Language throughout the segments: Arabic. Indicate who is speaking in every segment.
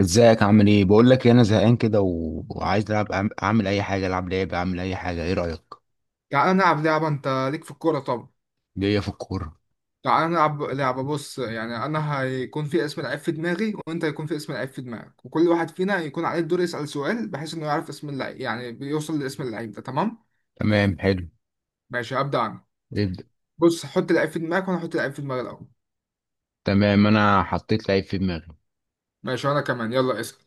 Speaker 1: ازيك؟ عامل ايه؟ بقول لك إيه، انا زهقان كده وعايز العب اعمل اي حاجه، العب لعبه، اعمل اي حاجه. ايه رايك؟
Speaker 2: تعالى نلعب لعبة. أنت ليك في الكورة طبعا.
Speaker 1: جايه في الكوره.
Speaker 2: تعالى نلعب لعبة، بص يعني أنا هيكون في اسم لعيب في دماغي وأنت هيكون في اسم لعيب في دماغك، وكل واحد فينا هيكون عليه الدور يسأل سؤال، بحيث إنه يعرف اسم اللعيب، يعني بيوصل لاسم اللعيب ده، تمام؟
Speaker 1: تمام حلو.
Speaker 2: ماشي هبدأ أنا.
Speaker 1: ابدا.
Speaker 2: بص، حط لعيب في دماغك وأنا هحط لعيب في دماغي الأول.
Speaker 1: تمام انا حطيت لعيب في دماغي.
Speaker 2: ماشي وأنا كمان، يلا اسأل.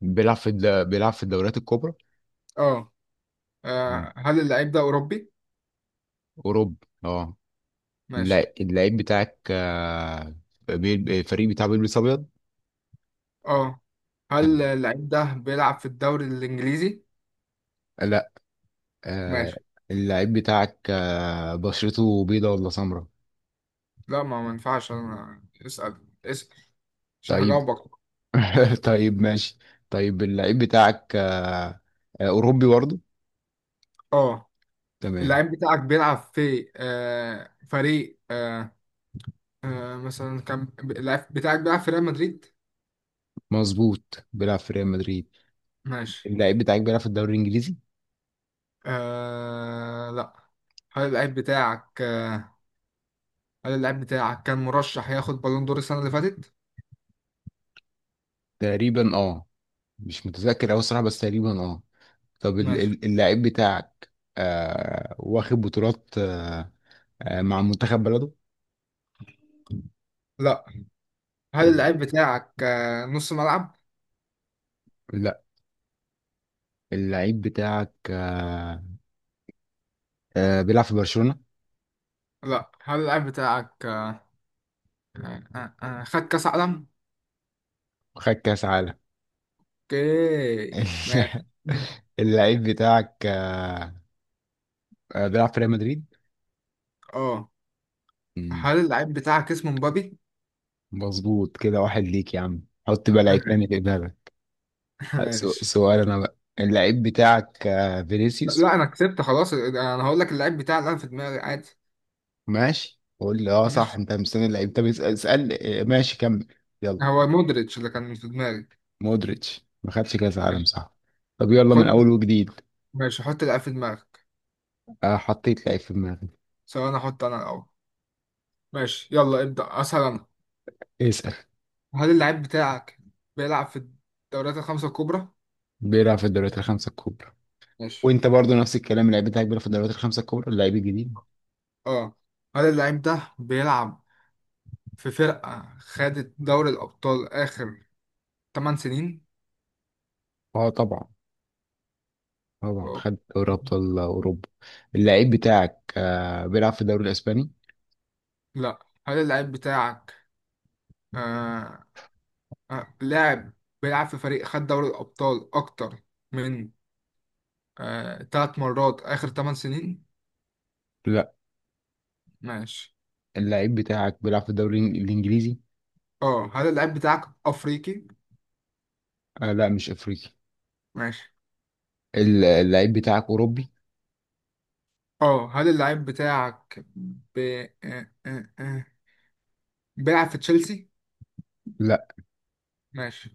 Speaker 1: بيلعب في الدوريات الكبرى.
Speaker 2: أه.
Speaker 1: تمام.
Speaker 2: هل اللعيب ده أوروبي؟
Speaker 1: اوروبا. اه.
Speaker 2: ماشي.
Speaker 1: اللعيب بتاعك الفريق بتاعه بيلبس ابيض.
Speaker 2: أه. هل
Speaker 1: تمام.
Speaker 2: اللعيب ده بيلعب في الدوري الإنجليزي؟
Speaker 1: لا. آه،
Speaker 2: ماشي،
Speaker 1: اللعيب بتاعك بشرته بيضة ولا سمراء؟
Speaker 2: لا ما ينفعش، أنا اسأل عشان
Speaker 1: طيب.
Speaker 2: هجاوبك.
Speaker 1: طيب ماشي. طيب اللعيب بتاعك اوروبي برضه؟
Speaker 2: أه.
Speaker 1: تمام.
Speaker 2: اللعيب بتاعك بيلعب في فريق، آه مثلا كان اللعيب بتاعك بيلعب في ريال مدريد.
Speaker 1: مظبوط، بيلعب في ريال مدريد.
Speaker 2: ماشي.
Speaker 1: اللعيب بتاعك بيلعب في الدوري الانجليزي؟
Speaker 2: آه لا. هل اللعيب بتاعك هل اللعيب بتاعك كان مرشح ياخد بالون دور السنة اللي فاتت؟
Speaker 1: تقريبا اه. مش متذكر اوي الصراحه، بس تقريبا اه. طب
Speaker 2: ماشي.
Speaker 1: اللعيب بتاعك واخد بطولات آه مع منتخب بلده؟
Speaker 2: لا. هل
Speaker 1: طب
Speaker 2: اللعيب بتاعك نص ملعب؟
Speaker 1: لا. اللعيب بتاعك بيلعب في برشلونة.
Speaker 2: لا. هل اللعيب بتاعك خد كأس عالم؟
Speaker 1: وخد كاس عالم.
Speaker 2: اوكي ماشي.
Speaker 1: اللعيب بتاعك بيلعب في ريال مدريد.
Speaker 2: اه،
Speaker 1: مم،
Speaker 2: هل اللعيب بتاعك اسمه مبابي؟
Speaker 1: مظبوط. كده واحد ليك يا عم. حط بقى لعيب تاني في دماغك.
Speaker 2: ماشي.
Speaker 1: سؤال انا بقى، اللعيب بتاعك فينيسيوس؟
Speaker 2: لا، انا كسبت خلاص، انا هقول لك اللعيب بتاعي اللي انا في دماغي عادي.
Speaker 1: ماشي قول لي. اه صح
Speaker 2: ماشي،
Speaker 1: انت مستني اللعيب. طب اسال، اسال. ماشي كمل. يلا.
Speaker 2: هو مودريتش اللي كان في دماغي.
Speaker 1: مودريتش ما خدش كاس عالم
Speaker 2: ماشي.
Speaker 1: صح؟ طب يلا من
Speaker 2: خد.
Speaker 1: اول وجديد.
Speaker 2: ماشي حط اللعيب في دماغك.
Speaker 1: حطيت لعيب في دماغي.
Speaker 2: سواء انا احط، انا الاول. ماشي يلا ابدأ، اسهل انا.
Speaker 1: اسال.
Speaker 2: هل اللعيب بتاعك بيلعب في الدوريات الخمسة الكبرى؟
Speaker 1: بيلعب في الدوريات الخمسه الكبرى.
Speaker 2: ماشي.
Speaker 1: وانت برضو نفس الكلام، اللعيب بتاعك بيلعب في الدوريات الخمسه الكبرى، اللعيب الجديد؟
Speaker 2: اه. هل اللعيب ده بيلعب في فرقة خدت دوري الأبطال آخر 8 سنين؟
Speaker 1: اه طبعا. طبعا
Speaker 2: أوه.
Speaker 1: خد دوري ابطال اوروبا. اللعيب بتاعك بيلعب في الدوري الاسباني؟
Speaker 2: لا. هل اللعيب بتاعك آه، لاعب بيلعب في فريق خد دوري الأبطال أكتر من 3 مرات آخر 8 سنين؟
Speaker 1: لا.
Speaker 2: ماشي.
Speaker 1: اللعيب بتاعك بيلعب في الدوري الانجليزي.
Speaker 2: اه، هل اللاعب بتاعك أفريقي؟
Speaker 1: آه لا مش افريقي.
Speaker 2: ماشي.
Speaker 1: اللعيب بتاعك أوروبي؟
Speaker 2: اه هل اللاعب بتاعك ب... آه، آه، آه، بيلعب في تشيلسي؟
Speaker 1: لا.
Speaker 2: ماشي.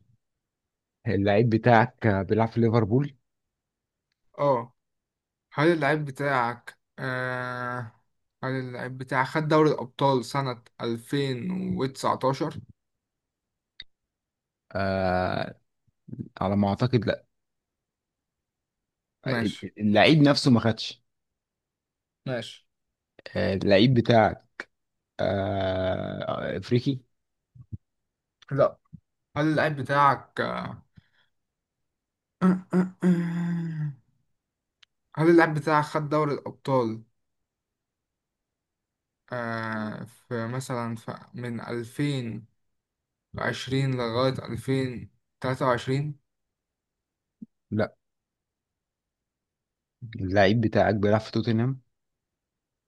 Speaker 1: اللعيب بتاعك بيلعب في ليفربول؟
Speaker 2: اه هل اللاعب بتاعك هل اللاعب بتاعك خد دوري الأبطال سنة 2019؟
Speaker 1: آه، على ما أعتقد لا.
Speaker 2: ماشي.
Speaker 1: اللعيب نفسه ما خدش.
Speaker 2: ماشي.
Speaker 1: اللعيب بتاعك آه أفريقي؟
Speaker 2: لا. هل اللاعب بتاعك آه، آه، آه. هل اللاعب بتاعك خد دوري الأبطال في، مثلا، في من 2020 لغاية 2023؟
Speaker 1: لا. اللعيب بتاعك بيلعب في توتنهام؟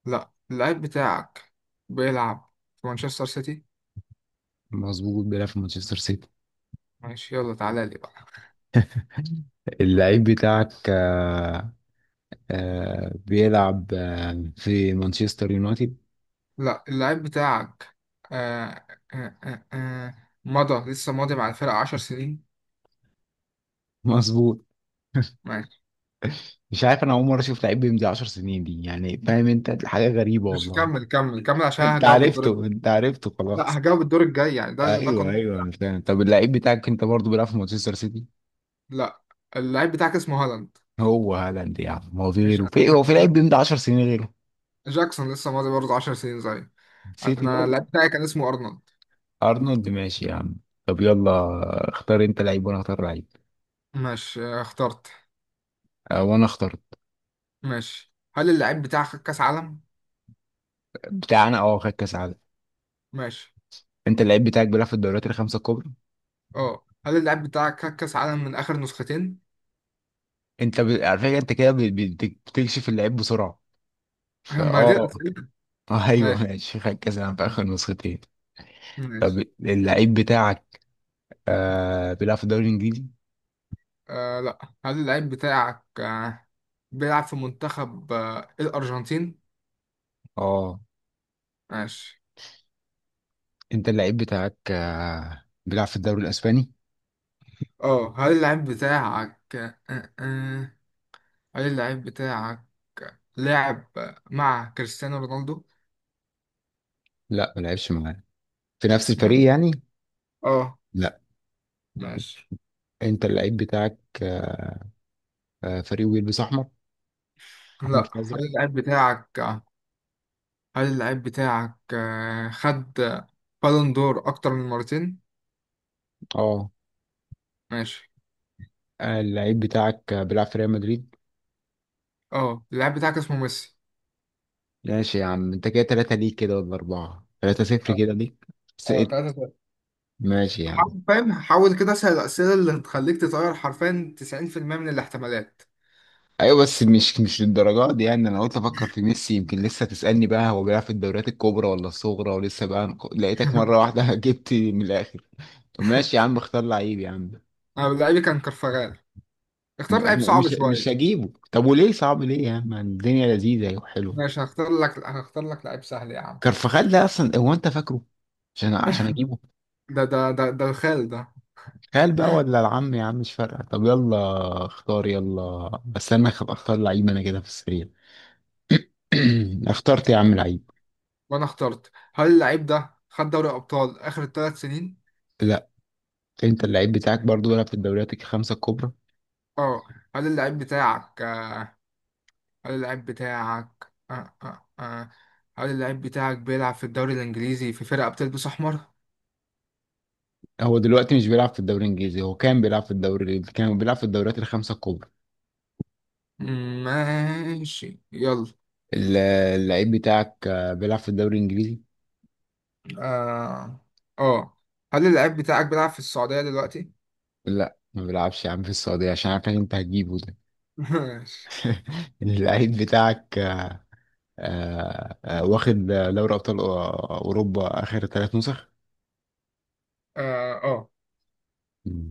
Speaker 2: لأ، اللاعب بتاعك بيلعب في مانشستر سيتي؟
Speaker 1: مظبوط بيلعب في مانشستر سيتي.
Speaker 2: ماشي يلا تعالى لي بقى.
Speaker 1: اللعيب بتاعك بيلعب آه في مانشستر يونايتد؟
Speaker 2: لأ اللاعب بتاعك آه آه مضى، لسه ماضي مع الفرقة 10 سنين؟
Speaker 1: مظبوط.
Speaker 2: ماشي.
Speaker 1: مش عارف انا، اول مره اشوف لعيب بيمضي 10 سنين دي، يعني فاهم انت، حاجه غريبه
Speaker 2: مش،
Speaker 1: والله.
Speaker 2: كمل كمل كمل عشان
Speaker 1: انت
Speaker 2: هجاوب
Speaker 1: عرفته، انت عرفته خلاص.
Speaker 2: لأ هجاوب الدور الجاي، يعني ده
Speaker 1: ايوه
Speaker 2: قانون.
Speaker 1: ايوه انا فاهم. طب اللعيب بتاعك انت برضه بيلعب في مانشستر سيتي؟
Speaker 2: لأ اللاعب بتاعك اسمه هالاند.
Speaker 1: هو هالاند يا عم؟ هو في
Speaker 2: ماشي
Speaker 1: غيره؟
Speaker 2: أنا كنت.
Speaker 1: هو في لعيب بيمضي 10 سنين غيره؟
Speaker 2: جاكسون لسه ماضي برضه 10 سنين زي
Speaker 1: سيتي
Speaker 2: انا.
Speaker 1: برضه.
Speaker 2: اللاعب بتاعي كان اسمه ارنولد.
Speaker 1: ارنولد ماشي يا عم. طب يلا، اختار انت لعيب وانا اختار لعيب.
Speaker 2: ماشي. آه، اخترت.
Speaker 1: وانا اخترت.
Speaker 2: ماشي، هل اللاعب بتاعك خد كاس عالم؟
Speaker 1: بتاعنا اه خد كاس عالم.
Speaker 2: ماشي.
Speaker 1: انت اللعيب بتاعك بيلعب في الدوريات الخمسه الكبرى.
Speaker 2: اه هل اللاعب بتاعك خد كاس عالم من اخر نسختين؟
Speaker 1: على فكره انت كده بتكشف اللعيب بسرعه. فاه
Speaker 2: ما دي
Speaker 1: اه.
Speaker 2: الاسئله.
Speaker 1: ايوه
Speaker 2: ماشي.
Speaker 1: ماشي، خد كاس عالم في اخر نسختين. طب
Speaker 2: ماشي.
Speaker 1: اللعيب بتاعك بيلعب في الدوري الانجليزي؟
Speaker 2: آه لا. هل اللاعب بتاعك بيلعب في منتخب الارجنتين؟
Speaker 1: اه.
Speaker 2: ماشي.
Speaker 1: انت اللعيب بتاعك بيلعب في الدوري الاسباني؟
Speaker 2: اه هل اللاعب بتاعك هل اللاعب بتاعك لاعب مع كريستيانو رونالدو؟
Speaker 1: لا ما لعبش معانا في نفس
Speaker 2: ماشي.
Speaker 1: الفريق يعني.
Speaker 2: اه.
Speaker 1: لا.
Speaker 2: ماشي.
Speaker 1: انت اللعيب بتاعك فريق بيلبس احمر؟ احمر
Speaker 2: لا.
Speaker 1: في
Speaker 2: هل
Speaker 1: ازرق.
Speaker 2: اللاعب بتاعك هل اللعيب بتاعك خد بالون دور أكتر من مرتين؟
Speaker 1: اه.
Speaker 2: ماشي.
Speaker 1: اللعيب بتاعك بيلعب في ريال مدريد.
Speaker 2: اه، اللعيب بتاعك اسمه ميسي.
Speaker 1: ماشي يا عم، انت كده تلاتة ليك، كده ولا اربعة؟ تلاتة صفر
Speaker 2: اه.
Speaker 1: كده ليك.
Speaker 2: اه،
Speaker 1: سقط.
Speaker 2: تلاتة تلاتة.
Speaker 1: ماشي يا عم.
Speaker 2: حرفيا حاول كده أسأل الأسئلة اللي هتخليك تطير، حرفيا 90% من الاحتمالات.
Speaker 1: ايوه بس مش مش للدرجات دي يعني، انا قلت افكر في ميسي يمكن لسه تسألني بقى هو بيلعب في الدوريات الكبرى ولا الصغرى، ولسه بقى لقيتك مرة واحدة جبت من الاخر. طب ماشي يا عم، اختار لعيب يا عم.
Speaker 2: أنا لعيبي كان كرفغال. اختار لعيب
Speaker 1: م-
Speaker 2: صعب
Speaker 1: مش مش
Speaker 2: شوية.
Speaker 1: هجيبه. طب وليه صعب ليه يا عم؟ الدنيا لذيذه وحلوه.
Speaker 2: ماشي، هختار لك لعيب سهل يا عم.
Speaker 1: كرفخال ده اصلا هو انت فاكره عشان عشان اجيبه؟
Speaker 2: ده الخال ده.
Speaker 1: خال بقى ولا العم يا عم، مش فارقه. طب يلا اختار يلا. استنى اختار لعيب انا كده في السريع. اخترت يا عم لعيب.
Speaker 2: وأنا اخترت. هل اللعيب ده خد دوري أبطال آخر 3 سنين؟
Speaker 1: لا. انت اللعيب بتاعك برضو بيلعب في الدوريات الخمسه الكبرى.
Speaker 2: اه. هل اللعيب بتاعك هل اللعيب بتاعك آه آه آه. هل اللعيب بتاعك بيلعب في الدوري الإنجليزي في فرقة بتلبس أحمر؟
Speaker 1: هو دلوقتي مش بيلعب في الدوري الانجليزي، هو كان بيلعب في الدوري، كان بيلعب في الدوريات الخمسه الكبرى.
Speaker 2: ماشي يلا.
Speaker 1: ال- اللعيب بتاعك بيلعب في الدوري الانجليزي.
Speaker 2: آه آه هل اللعيب بتاعك بيلعب في السعودية دلوقتي؟
Speaker 1: لا ما بيلعبش يا عم في السعوديه، عشان عارف إن انت هتجيبه ده.
Speaker 2: ماشي.
Speaker 1: إن اللعيب بتاعك واخد دوري ابطال اوروبا اخر ثلاث نسخ.
Speaker 2: آه آه
Speaker 1: مم.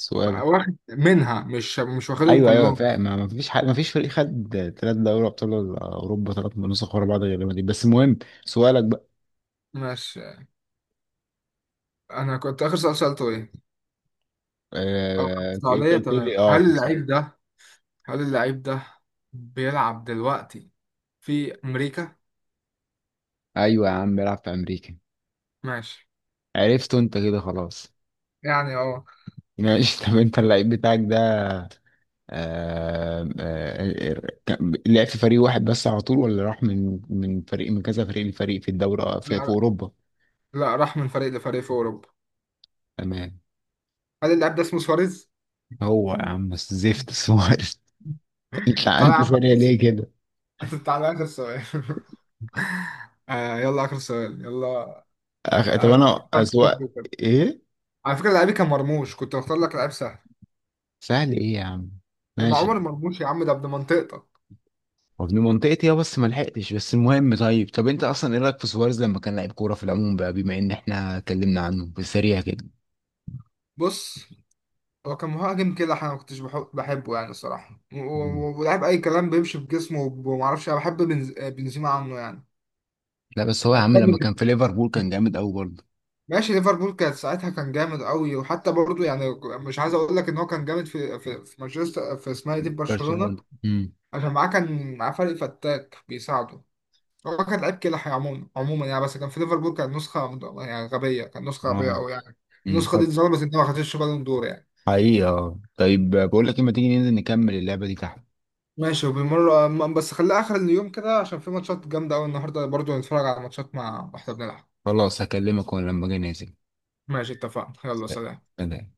Speaker 1: سؤالك.
Speaker 2: بقى واخد منها، مش واخدهم
Speaker 1: ايوه ايوه
Speaker 2: كلهم.
Speaker 1: فاهم، ما ما فيش حد، ما فيش فريق خد ثلاث دوري ابطال اوروبا ثلاث نسخ ورا بعض غير دي، بس المهم سؤالك بقى.
Speaker 2: ماشي. أنا كنت آخر سؤال سألته إيه؟ آه،
Speaker 1: انت
Speaker 2: السعودية،
Speaker 1: قلت
Speaker 2: تمام.
Speaker 1: لي اه
Speaker 2: هل
Speaker 1: في الصالة.
Speaker 2: اللعيب ده هل اللعيب ده بيلعب دلوقتي في أمريكا؟
Speaker 1: ايوه يا عم بيلعب في امريكا.
Speaker 2: ماشي،
Speaker 1: عرفته انت كده خلاص.
Speaker 2: يعني اه.
Speaker 1: ماشي. طب انت اللعيب بتاعك ده لعب في فريق واحد بس على طول، ولا راح من فريق من كذا فريق لفريق في الدوري في, في اوروبا؟
Speaker 2: لا، راح من فريق لفريق في اوروبا.
Speaker 1: تمام.
Speaker 2: هل اللاعب ده اسمه سواريز؟
Speaker 1: هو يا عم بس زفت سؤال. انت
Speaker 2: تعالى يا
Speaker 1: انت
Speaker 2: عم
Speaker 1: سريع
Speaker 2: بص.
Speaker 1: ليه كده؟
Speaker 2: تعالى اخر سؤال. آه، يلا اخر سؤال يلا.
Speaker 1: طب
Speaker 2: عايز-
Speaker 1: انا اسوق ايه؟
Speaker 2: على فكره، لعيبي كان مرموش، كنت بختار لك لعيب سهل.
Speaker 1: سهل ايه يا عم؟
Speaker 2: ده مع
Speaker 1: ماشي.
Speaker 2: عمر مرموش يا عم، ده ابن منطقتك.
Speaker 1: وابن منطقتي اه، بس ما لحقتش. بس المهم طيب، طب انت اصلا ايه رايك في سواريز لما كان لعيب كوره في العموم بقى، بما ان احنا اتكلمنا عنه بسريع كده؟
Speaker 2: بص، هو كان مهاجم كده، انا ما كنتش بحب بحبه يعني الصراحه،
Speaker 1: مم.
Speaker 2: ولاعب اي كلام، بيمشي بجسمه، وما اعرفش، انا بحب بنزيما عنه يعني.
Speaker 1: لا بس هو يا عم
Speaker 2: اكتر.
Speaker 1: لما كان في ليفربول كان جامد قوي برضه.
Speaker 2: ماشي، ليفربول كانت ساعتها كان جامد قوي، وحتى برضو يعني مش عايز اقول لك ان هو كان جامد في مانشستر، في اسمها إيه دي، في برشلونة،
Speaker 1: برشلونة.
Speaker 2: عشان معاه، كان معاه فريق فتاك بيساعده. هو كان لعيب كده عموما يعني، بس كان في ليفربول كان نسخة يعني غبية، كان نسخة غبية
Speaker 1: اه.
Speaker 2: قوي يعني. النسخة دي
Speaker 1: طب.
Speaker 2: اتظلمت ان ما خدتش بالون دور يعني.
Speaker 1: حقيقي اه. طيب بقول لك ايه، ما تيجي ننزل نكمل اللعبه دي تحت؟
Speaker 2: ماشي، وبالمرة بس خليها اخر اليوم كده، عشان في ماتشات جامدة قوي النهارده، برضو نتفرج على ماتشات مع واحنا بنلعب.
Speaker 1: خلاص هكلمك وانا لما اجي نازل.
Speaker 2: ماشي، اتفقنا، يلا سلام.
Speaker 1: سلام.